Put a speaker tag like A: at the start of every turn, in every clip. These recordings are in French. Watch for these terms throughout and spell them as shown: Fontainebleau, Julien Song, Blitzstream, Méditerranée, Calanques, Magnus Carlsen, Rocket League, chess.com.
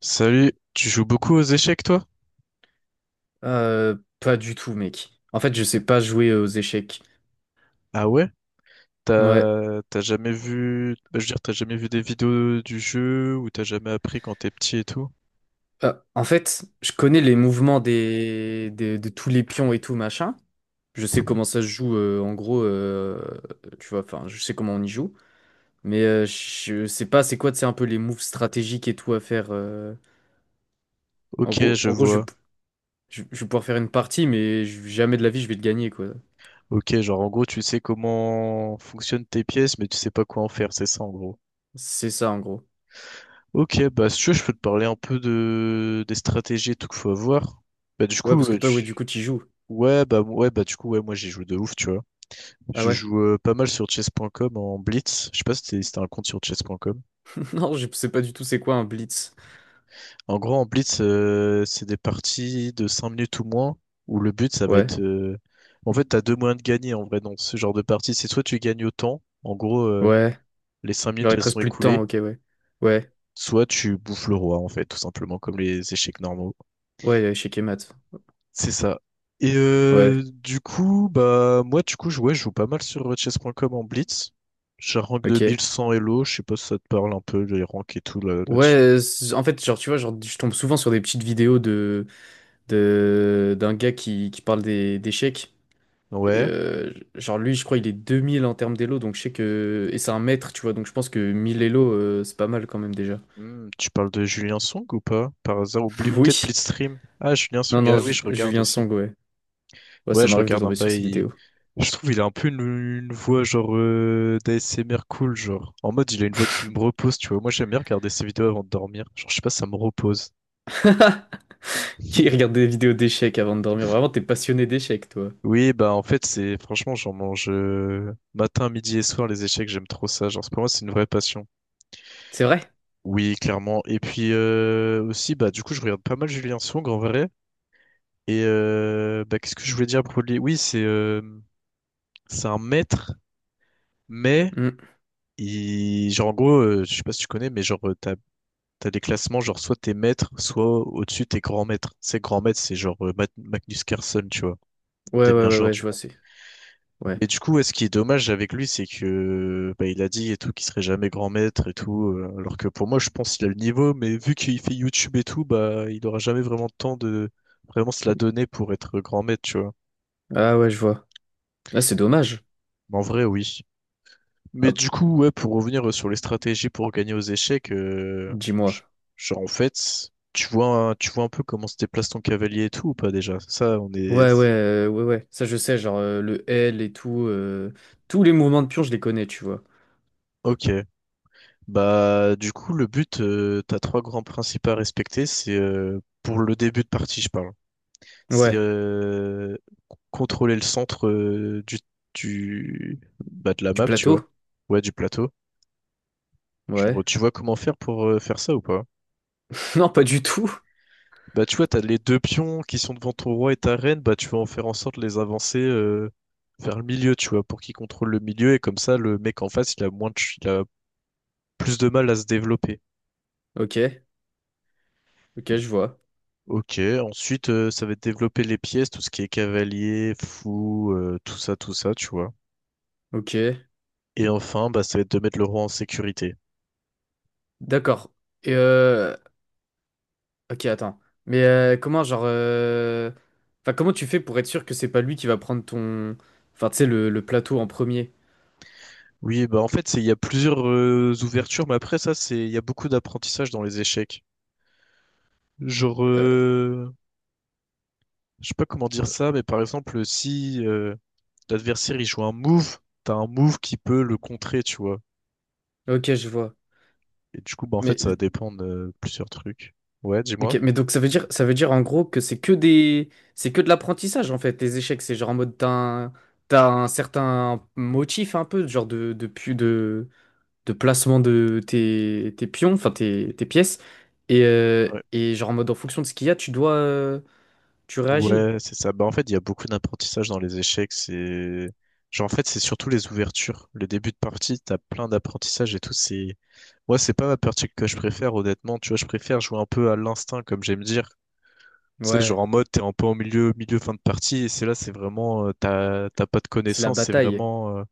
A: Salut, tu joues beaucoup aux échecs toi?
B: Pas du tout, mec. En fait, je sais pas jouer aux échecs.
A: Ah ouais?
B: Ouais.
A: T'as jamais vu, bah, je veux dire, t'as jamais vu des vidéos du jeu ou t'as jamais appris quand t'es petit et tout?
B: En fait, je connais les mouvements de tous les pions et tout, machin. Je sais comment ça se joue, en gros, tu vois, enfin, je sais comment on y joue. Mais je sais pas, c'est quoi, c'est un peu les moves stratégiques et tout à faire. En
A: Ok,
B: gros,
A: je
B: en gros,
A: vois.
B: je vais pouvoir faire une partie, mais jamais de la vie, je vais le gagner, quoi.
A: Ok, genre en gros, tu sais comment fonctionnent tes pièces, mais tu sais pas quoi en faire, c'est ça en gros.
B: C'est ça, en gros.
A: Ok, bah si tu veux, je peux te parler un peu de des stratégies et tout qu'il faut avoir. Bah du
B: Ouais,
A: coup,
B: parce que toi, ouais, du coup, tu joues.
A: ouais, bah du coup, ouais, moi j'ai joué de ouf, tu vois.
B: Ah
A: Je
B: ouais.
A: joue pas mal sur chess.com en blitz. Je sais pas si si t'as un compte sur chess.com.
B: Non, je sais pas du tout c'est quoi un blitz.
A: En gros, en blitz, c'est des parties de 5 minutes ou moins où le but ça va
B: Ouais.
A: être. En fait, t'as deux moyens de gagner en vrai dans ce genre de partie. C'est soit tu gagnes au temps, en gros,
B: Ouais.
A: les 5 minutes
B: Genre, il
A: elles
B: te
A: sont
B: reste plus de temps,
A: écoulées,
B: ok, ouais. Ouais,
A: soit tu bouffes le roi en fait, tout simplement comme les échecs normaux.
B: ouais, échec et maths.
A: C'est ça. Et
B: Ouais,
A: du coup, bah moi du coup ouais, je joue pas mal sur Chess. Point Com en blitz. J'ai un rank de mille
B: ok.
A: cent Elo, je sais pas si ça te parle un peu les ranks et tout là,
B: Ouais,
A: là-dessus.
B: en fait, genre, tu vois, genre, je tombe souvent sur des petites vidéos de d'un gars qui parle d'échecs. Et,
A: Ouais.
B: genre, lui, je crois, il est 2000 en termes d'élo, donc je sais que. Et c'est un maître, tu vois, donc je pense que 1000 élo, c'est pas mal quand même déjà.
A: Hmm, tu parles de Julien Song ou pas? Par hasard, ou, ou peut-être
B: Oui.
A: Blitzstream. Ah, Julien
B: Non,
A: Song,
B: non,
A: ah oui, je regarde
B: Julien
A: aussi.
B: Song, ouais. Ouais,
A: Ouais,
B: ça
A: je
B: m'arrive de
A: regarde un
B: tomber sur
A: peu.
B: ces vidéos.
A: Je trouve il a un peu une voix genre d'ASMR cool, genre. En mode, il a une voix qui me repose, tu vois. Moi, j'aime bien regarder ses vidéos avant de dormir. Genre, je sais pas, ça me repose.
B: Qui regarde des vidéos d'échecs avant de dormir? Vraiment, t'es passionné d'échecs, toi.
A: Oui, bah en fait, c'est franchement, j'en mange matin, midi et soir les échecs, j'aime trop ça. Genre, pour moi, c'est une vraie passion.
B: C'est vrai?
A: Oui, clairement. Et puis aussi, bah du coup, je regarde pas mal Julien Song en vrai. Et bah, qu'est-ce que je voulais dire pour lui? Oui, c'est un maître, mais
B: Hmm.
A: il, genre en gros, je sais pas si tu connais, mais genre t'as des classements, genre soit t'es maître, soit au-dessus t'es grand maître. C'est grand maître, c'est genre Magnus Carlsen, tu vois,
B: Ouais, ouais,
A: des meilleurs
B: ouais,
A: joueurs
B: ouais, je
A: du
B: vois,
A: monde.
B: c'est. Ouais.
A: Mais du coup, ouais, ce qui est dommage avec lui, c'est que bah, il a dit et tout qu'il serait jamais grand maître et tout, alors que pour moi, je pense qu'il a le niveau, mais vu qu'il fait YouTube et tout, bah il aura jamais vraiment le temps de vraiment se la donner pour être grand maître, tu vois.
B: Ah ouais, je vois. Ah, c'est dommage.
A: Mais en vrai, oui. Mais
B: Hop,
A: du coup, ouais, pour revenir sur les stratégies pour gagner aux échecs,
B: dis-moi.
A: j- genre en fait, tu vois, tu vois un peu comment se déplace ton cavalier et tout ou pas déjà? Ça, on
B: Ouais, ouais,
A: est.
B: ouais, ouais. Ça, je sais, genre le L et tout. Tous les mouvements de pion, je les connais, tu vois.
A: Ok. Bah, du coup, le but, t'as trois grands principes à respecter. C'est pour le début de partie, je parle. C'est
B: Ouais.
A: contrôler le centre du bah, de la
B: Du
A: map, tu vois.
B: plateau?
A: Ouais, du plateau. Genre,
B: Ouais.
A: tu vois comment faire pour faire ça ou pas?
B: Non, pas du tout.
A: Bah, tu vois, t'as les deux pions qui sont devant ton roi et ta reine. Bah, tu vas en faire en sorte de les avancer vers le milieu, tu vois, pour qu'ils contrôlent le milieu. Et comme ça, le mec en face, il a plus de mal à se développer.
B: Ok. Ok, je vois.
A: Ok, ensuite ça va être développer les pièces, tout ce qui est cavalier, fou, tout ça, tu vois.
B: Ok.
A: Et enfin, bah, ça va être de mettre le roi en sécurité.
B: D'accord. Et Ok, attends. Mais comment, enfin, comment tu fais pour être sûr que c'est pas lui qui va prendre ton... Enfin, tu sais, le plateau en premier.
A: Oui, bah en fait, c'est il y a plusieurs ouvertures, mais après ça, c'est il y a beaucoup d'apprentissage dans les échecs. Genre,
B: Euh,
A: je sais pas comment dire ça, mais par exemple, si l'adversaire il joue un move, t'as un move qui peut le contrer, tu vois.
B: Ok, je vois.
A: Et du coup, bah en fait,
B: Mais
A: ça va dépendre de plusieurs trucs. Ouais,
B: Ok,
A: dis-moi.
B: mais donc ça veut dire en gros que c'est que des, c'est que de l'apprentissage en fait. Les échecs, c'est genre en mode t'as un certain motif un peu, de placement de tes pions, enfin tes pièces,
A: Ouais,
B: et genre en mode en fonction de ce qu'il y a, tu dois, tu réagis.
A: Ouais, c'est ça. Bah, en fait, il y a beaucoup d'apprentissage dans les échecs. C'est, genre, en fait, c'est surtout les ouvertures. Le début de partie, t'as plein d'apprentissage et tout. C'est, moi, c'est pas ma partie que je préfère, honnêtement. Tu vois, je préfère jouer un peu à l'instinct, comme j'aime dire. Tu sais, genre
B: Ouais,
A: en mode, t'es un peu en milieu, milieu, fin de partie. Et c'est là, c'est vraiment, t'as pas de
B: c'est la
A: connaissances. C'est
B: bataille.
A: vraiment,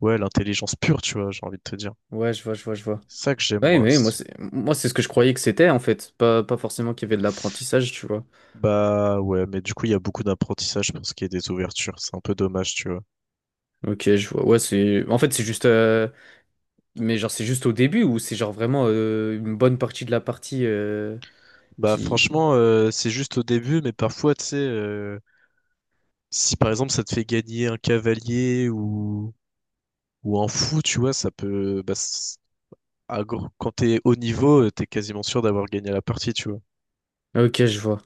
A: ouais, l'intelligence pure, tu vois, j'ai envie de te dire.
B: Ouais, je vois, je vois, je vois.
A: C'est ça que j'aime,
B: Ouais,
A: moi.
B: moi c'est ce que je croyais que c'était en fait, pas forcément qu'il y avait de l'apprentissage, tu vois.
A: Bah ouais, mais du coup, il y a beaucoup d'apprentissage pour ce qui est des ouvertures. C'est un peu dommage, tu vois.
B: Ok, je vois. Ouais, en fait c'est juste. Mais genre, c'est juste au début ou c'est genre vraiment une bonne partie de la partie
A: Bah
B: qui...
A: franchement, c'est juste au début, mais parfois, tu sais, si par exemple ça te fait gagner un cavalier ou, un fou, tu vois, ça peut... Bah, quand t'es haut niveau, t'es quasiment sûr d'avoir gagné la partie, tu vois.
B: Ok, je vois.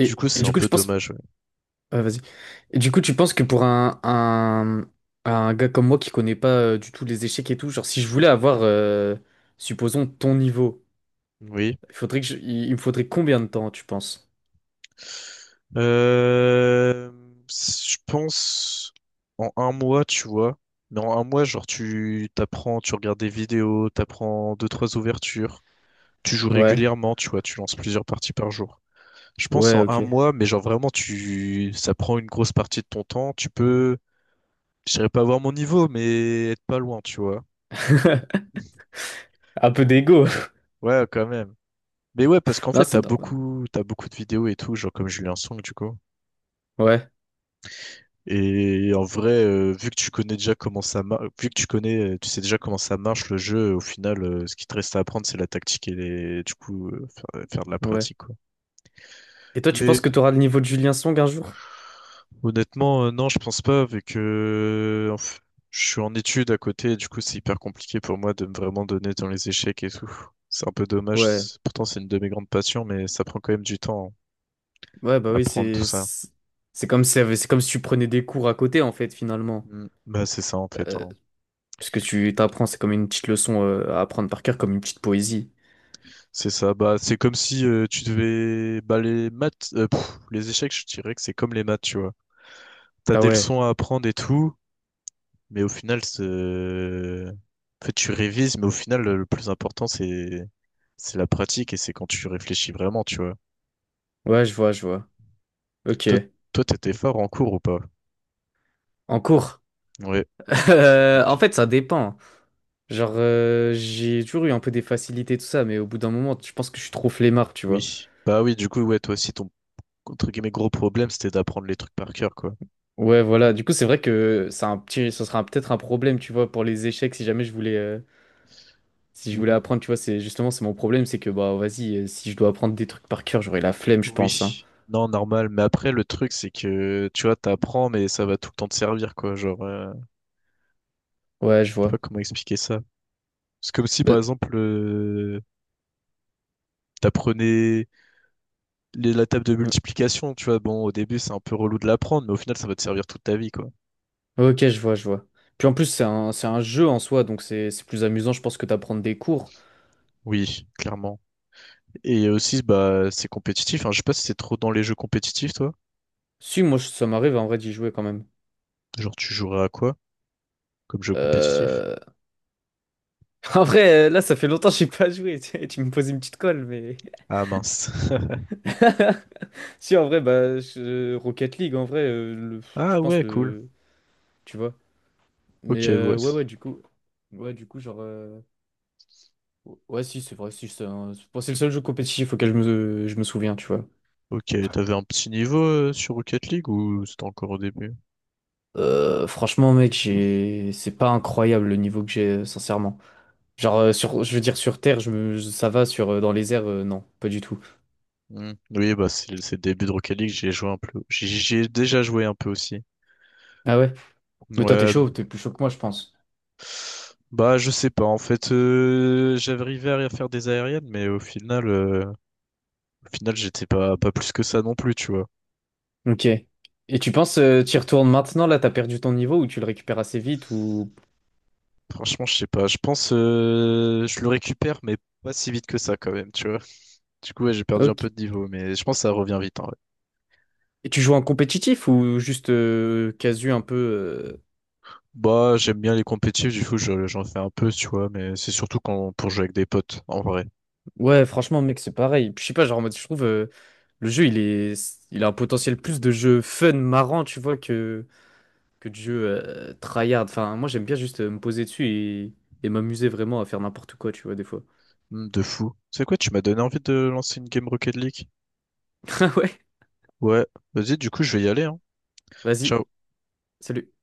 A: Du coup,
B: Et
A: c'est un
B: du coup,
A: peu
B: je pense...
A: dommage, ouais.
B: Ah, vas-y. Et du coup, tu penses que pour un gars comme moi qui connaît pas du tout les échecs et tout, genre, si je voulais avoir, supposons, ton niveau,
A: Oui.
B: il faudrait que il me faudrait combien de temps, tu penses?
A: Euh, je pense en un mois, tu vois. Mais en un mois, genre, tu t'apprends, tu regardes des vidéos, t'apprends deux, trois ouvertures, tu joues
B: Ouais,
A: régulièrement, tu vois, tu lances plusieurs parties par jour. Je pense
B: ouais,
A: en un
B: ok.
A: mois, mais genre vraiment, ça prend une grosse partie de ton temps. Tu peux, je dirais pas avoir mon niveau, mais être pas loin, tu vois.
B: Un peu d'ego.
A: Ouais, quand même. Mais ouais, parce qu'en
B: Non,
A: fait,
B: c'est
A: t'as
B: normal.
A: beaucoup, t'as beaucoup de vidéos et tout, genre comme Julien Song, du coup.
B: Ouais,
A: Et en vrai, vu que tu connais déjà comment ça marche, vu que tu connais, tu sais déjà comment ça marche le jeu, au final, ce qui te reste à apprendre, c'est la tactique et du coup, faire de la
B: ouais.
A: pratique, quoi.
B: Et toi, tu penses
A: Mais
B: que tu auras le niveau de Julien Song un jour?
A: honnêtement, non, je pense pas, vu que je suis en études à côté, du coup, c'est hyper compliqué pour moi de me vraiment donner dans les échecs et tout. C'est un peu dommage.
B: Ouais.
A: Pourtant, c'est une de mes grandes passions, mais ça prend quand même du temps, hein,
B: Ouais, bah oui,
A: apprendre tout
B: c'est
A: ça.
B: c'est c'est comme si tu prenais des cours à côté en fait finalement.
A: Mm. Bah, c'est ça, en fait,
B: Euh,
A: hein.
B: Parce que tu t'apprends, c'est comme une petite leçon à apprendre par cœur, comme une petite poésie.
A: C'est ça, bah c'est comme si tu devais bah les maths les échecs, je dirais que c'est comme les maths, tu vois. T'as
B: Ah
A: des
B: ouais,
A: leçons à apprendre et tout, mais au final c'est en fait tu révises, mais au final le plus important c'est la pratique et c'est quand tu réfléchis vraiment, tu vois.
B: ouais, je vois, je vois. Ok,
A: Toi toi t'étais fort en cours ou pas?
B: en cours.
A: Ouais.
B: En
A: Études.
B: fait, ça dépend. Genre, j'ai toujours eu un peu des facilités tout ça, mais au bout d'un moment, je pense que je suis trop flemmard, tu vois.
A: Oui. Bah oui, du coup ouais, toi aussi ton entre guillemets gros problème c'était d'apprendre les trucs par cœur quoi.
B: Ouais, voilà. Du coup, c'est vrai que c'est un petit, ce sera peut-être un problème, tu vois, pour les échecs si jamais je voulais si je voulais apprendre, tu vois, c'est justement c'est mon problème, c'est que bah vas-y, si je dois apprendre des trucs par cœur, j'aurai la flemme, je pense, hein.
A: Oui, non, normal. Mais après, le truc, c'est que, tu vois, t'apprends, mais ça va tout le temps te servir, quoi. Genre,
B: Ouais, je
A: je sais pas
B: vois.
A: comment expliquer ça. C'est comme si, par
B: Bah,
A: exemple, t'apprenais la table de
B: euh,
A: multiplication, tu vois. Bon, au début, c'est un peu relou de l'apprendre, mais au final, ça va te servir toute ta vie, quoi.
B: ok, je vois, je vois. Puis en plus, c'est un jeu en soi, donc c'est plus amusant, je pense, que d'apprendre des cours.
A: Oui, clairement. Et aussi, bah, c'est compétitif. Hein. Je sais pas si c'est trop dans les jeux compétitifs, toi.
B: Si, moi, ça m'arrive en vrai d'y jouer quand même.
A: Genre, tu jouerais à quoi comme jeu compétitif?
B: Euh... En vrai, là, ça fait longtemps que j'ai pas joué. Tu me poses une petite colle, mais.
A: Ah, mince.
B: Si, en vrai, Rocket League, en vrai,
A: Ah,
B: je pense
A: ouais, cool.
B: le. Tu vois. Mais
A: Ok, ouais.
B: ouais, ouais, du coup. Ouais, du coup, ouais, si, c'est vrai, si, c'est bon, c'est le seul jeu compétitif auquel je me souviens, tu vois.
A: Ok, t'avais un petit niveau sur Rocket League ou c'était encore au début?
B: Franchement, mec, j'ai... c'est pas incroyable le niveau que j'ai, sincèrement. Genre, sur... je veux dire, sur Terre, ça va, dans les airs, non, pas du tout.
A: Hmm. Oui, bah c'est le début de Rocket League, j'y ai joué un peu. J'y ai déjà joué un peu aussi.
B: Ah ouais? Mais toi, t'es
A: Ouais.
B: chaud, t'es plus chaud que moi, je pense.
A: Bah je sais pas, en fait j'arrivais à faire des aériennes, mais au final j'étais pas plus que ça non plus, tu vois.
B: Ok. Et tu penses, t'y retournes maintenant, là, t'as perdu ton niveau, ou tu le récupères assez vite, ou...
A: Franchement, je sais pas. Je pense je le récupère, mais pas si vite que ça quand même, tu vois. Du coup ouais, j'ai perdu un peu
B: Ok.
A: de niveau, mais je pense que ça revient vite. Hein.
B: Et tu joues en compétitif, ou juste casu un peu...
A: Bah, j'aime bien les compétitifs, du coup, j'en fais un peu, tu vois, mais c'est surtout quand, pour jouer avec des potes, en vrai.
B: Ouais, franchement, mec, c'est pareil. Puis, je sais pas, genre, en mode, je trouve le jeu, il a un potentiel plus de jeu fun, marrant, tu vois, que de jeu tryhard. Enfin, moi, j'aime bien juste me poser dessus et m'amuser vraiment à faire n'importe quoi, tu vois, des fois.
A: Hmm, de fou. C'est quoi, tu m'as donné envie de lancer une game Rocket League?
B: Ah ouais,
A: Ouais, vas-y, du coup, je vais y aller, hein.
B: vas-y,
A: Ciao.
B: salut.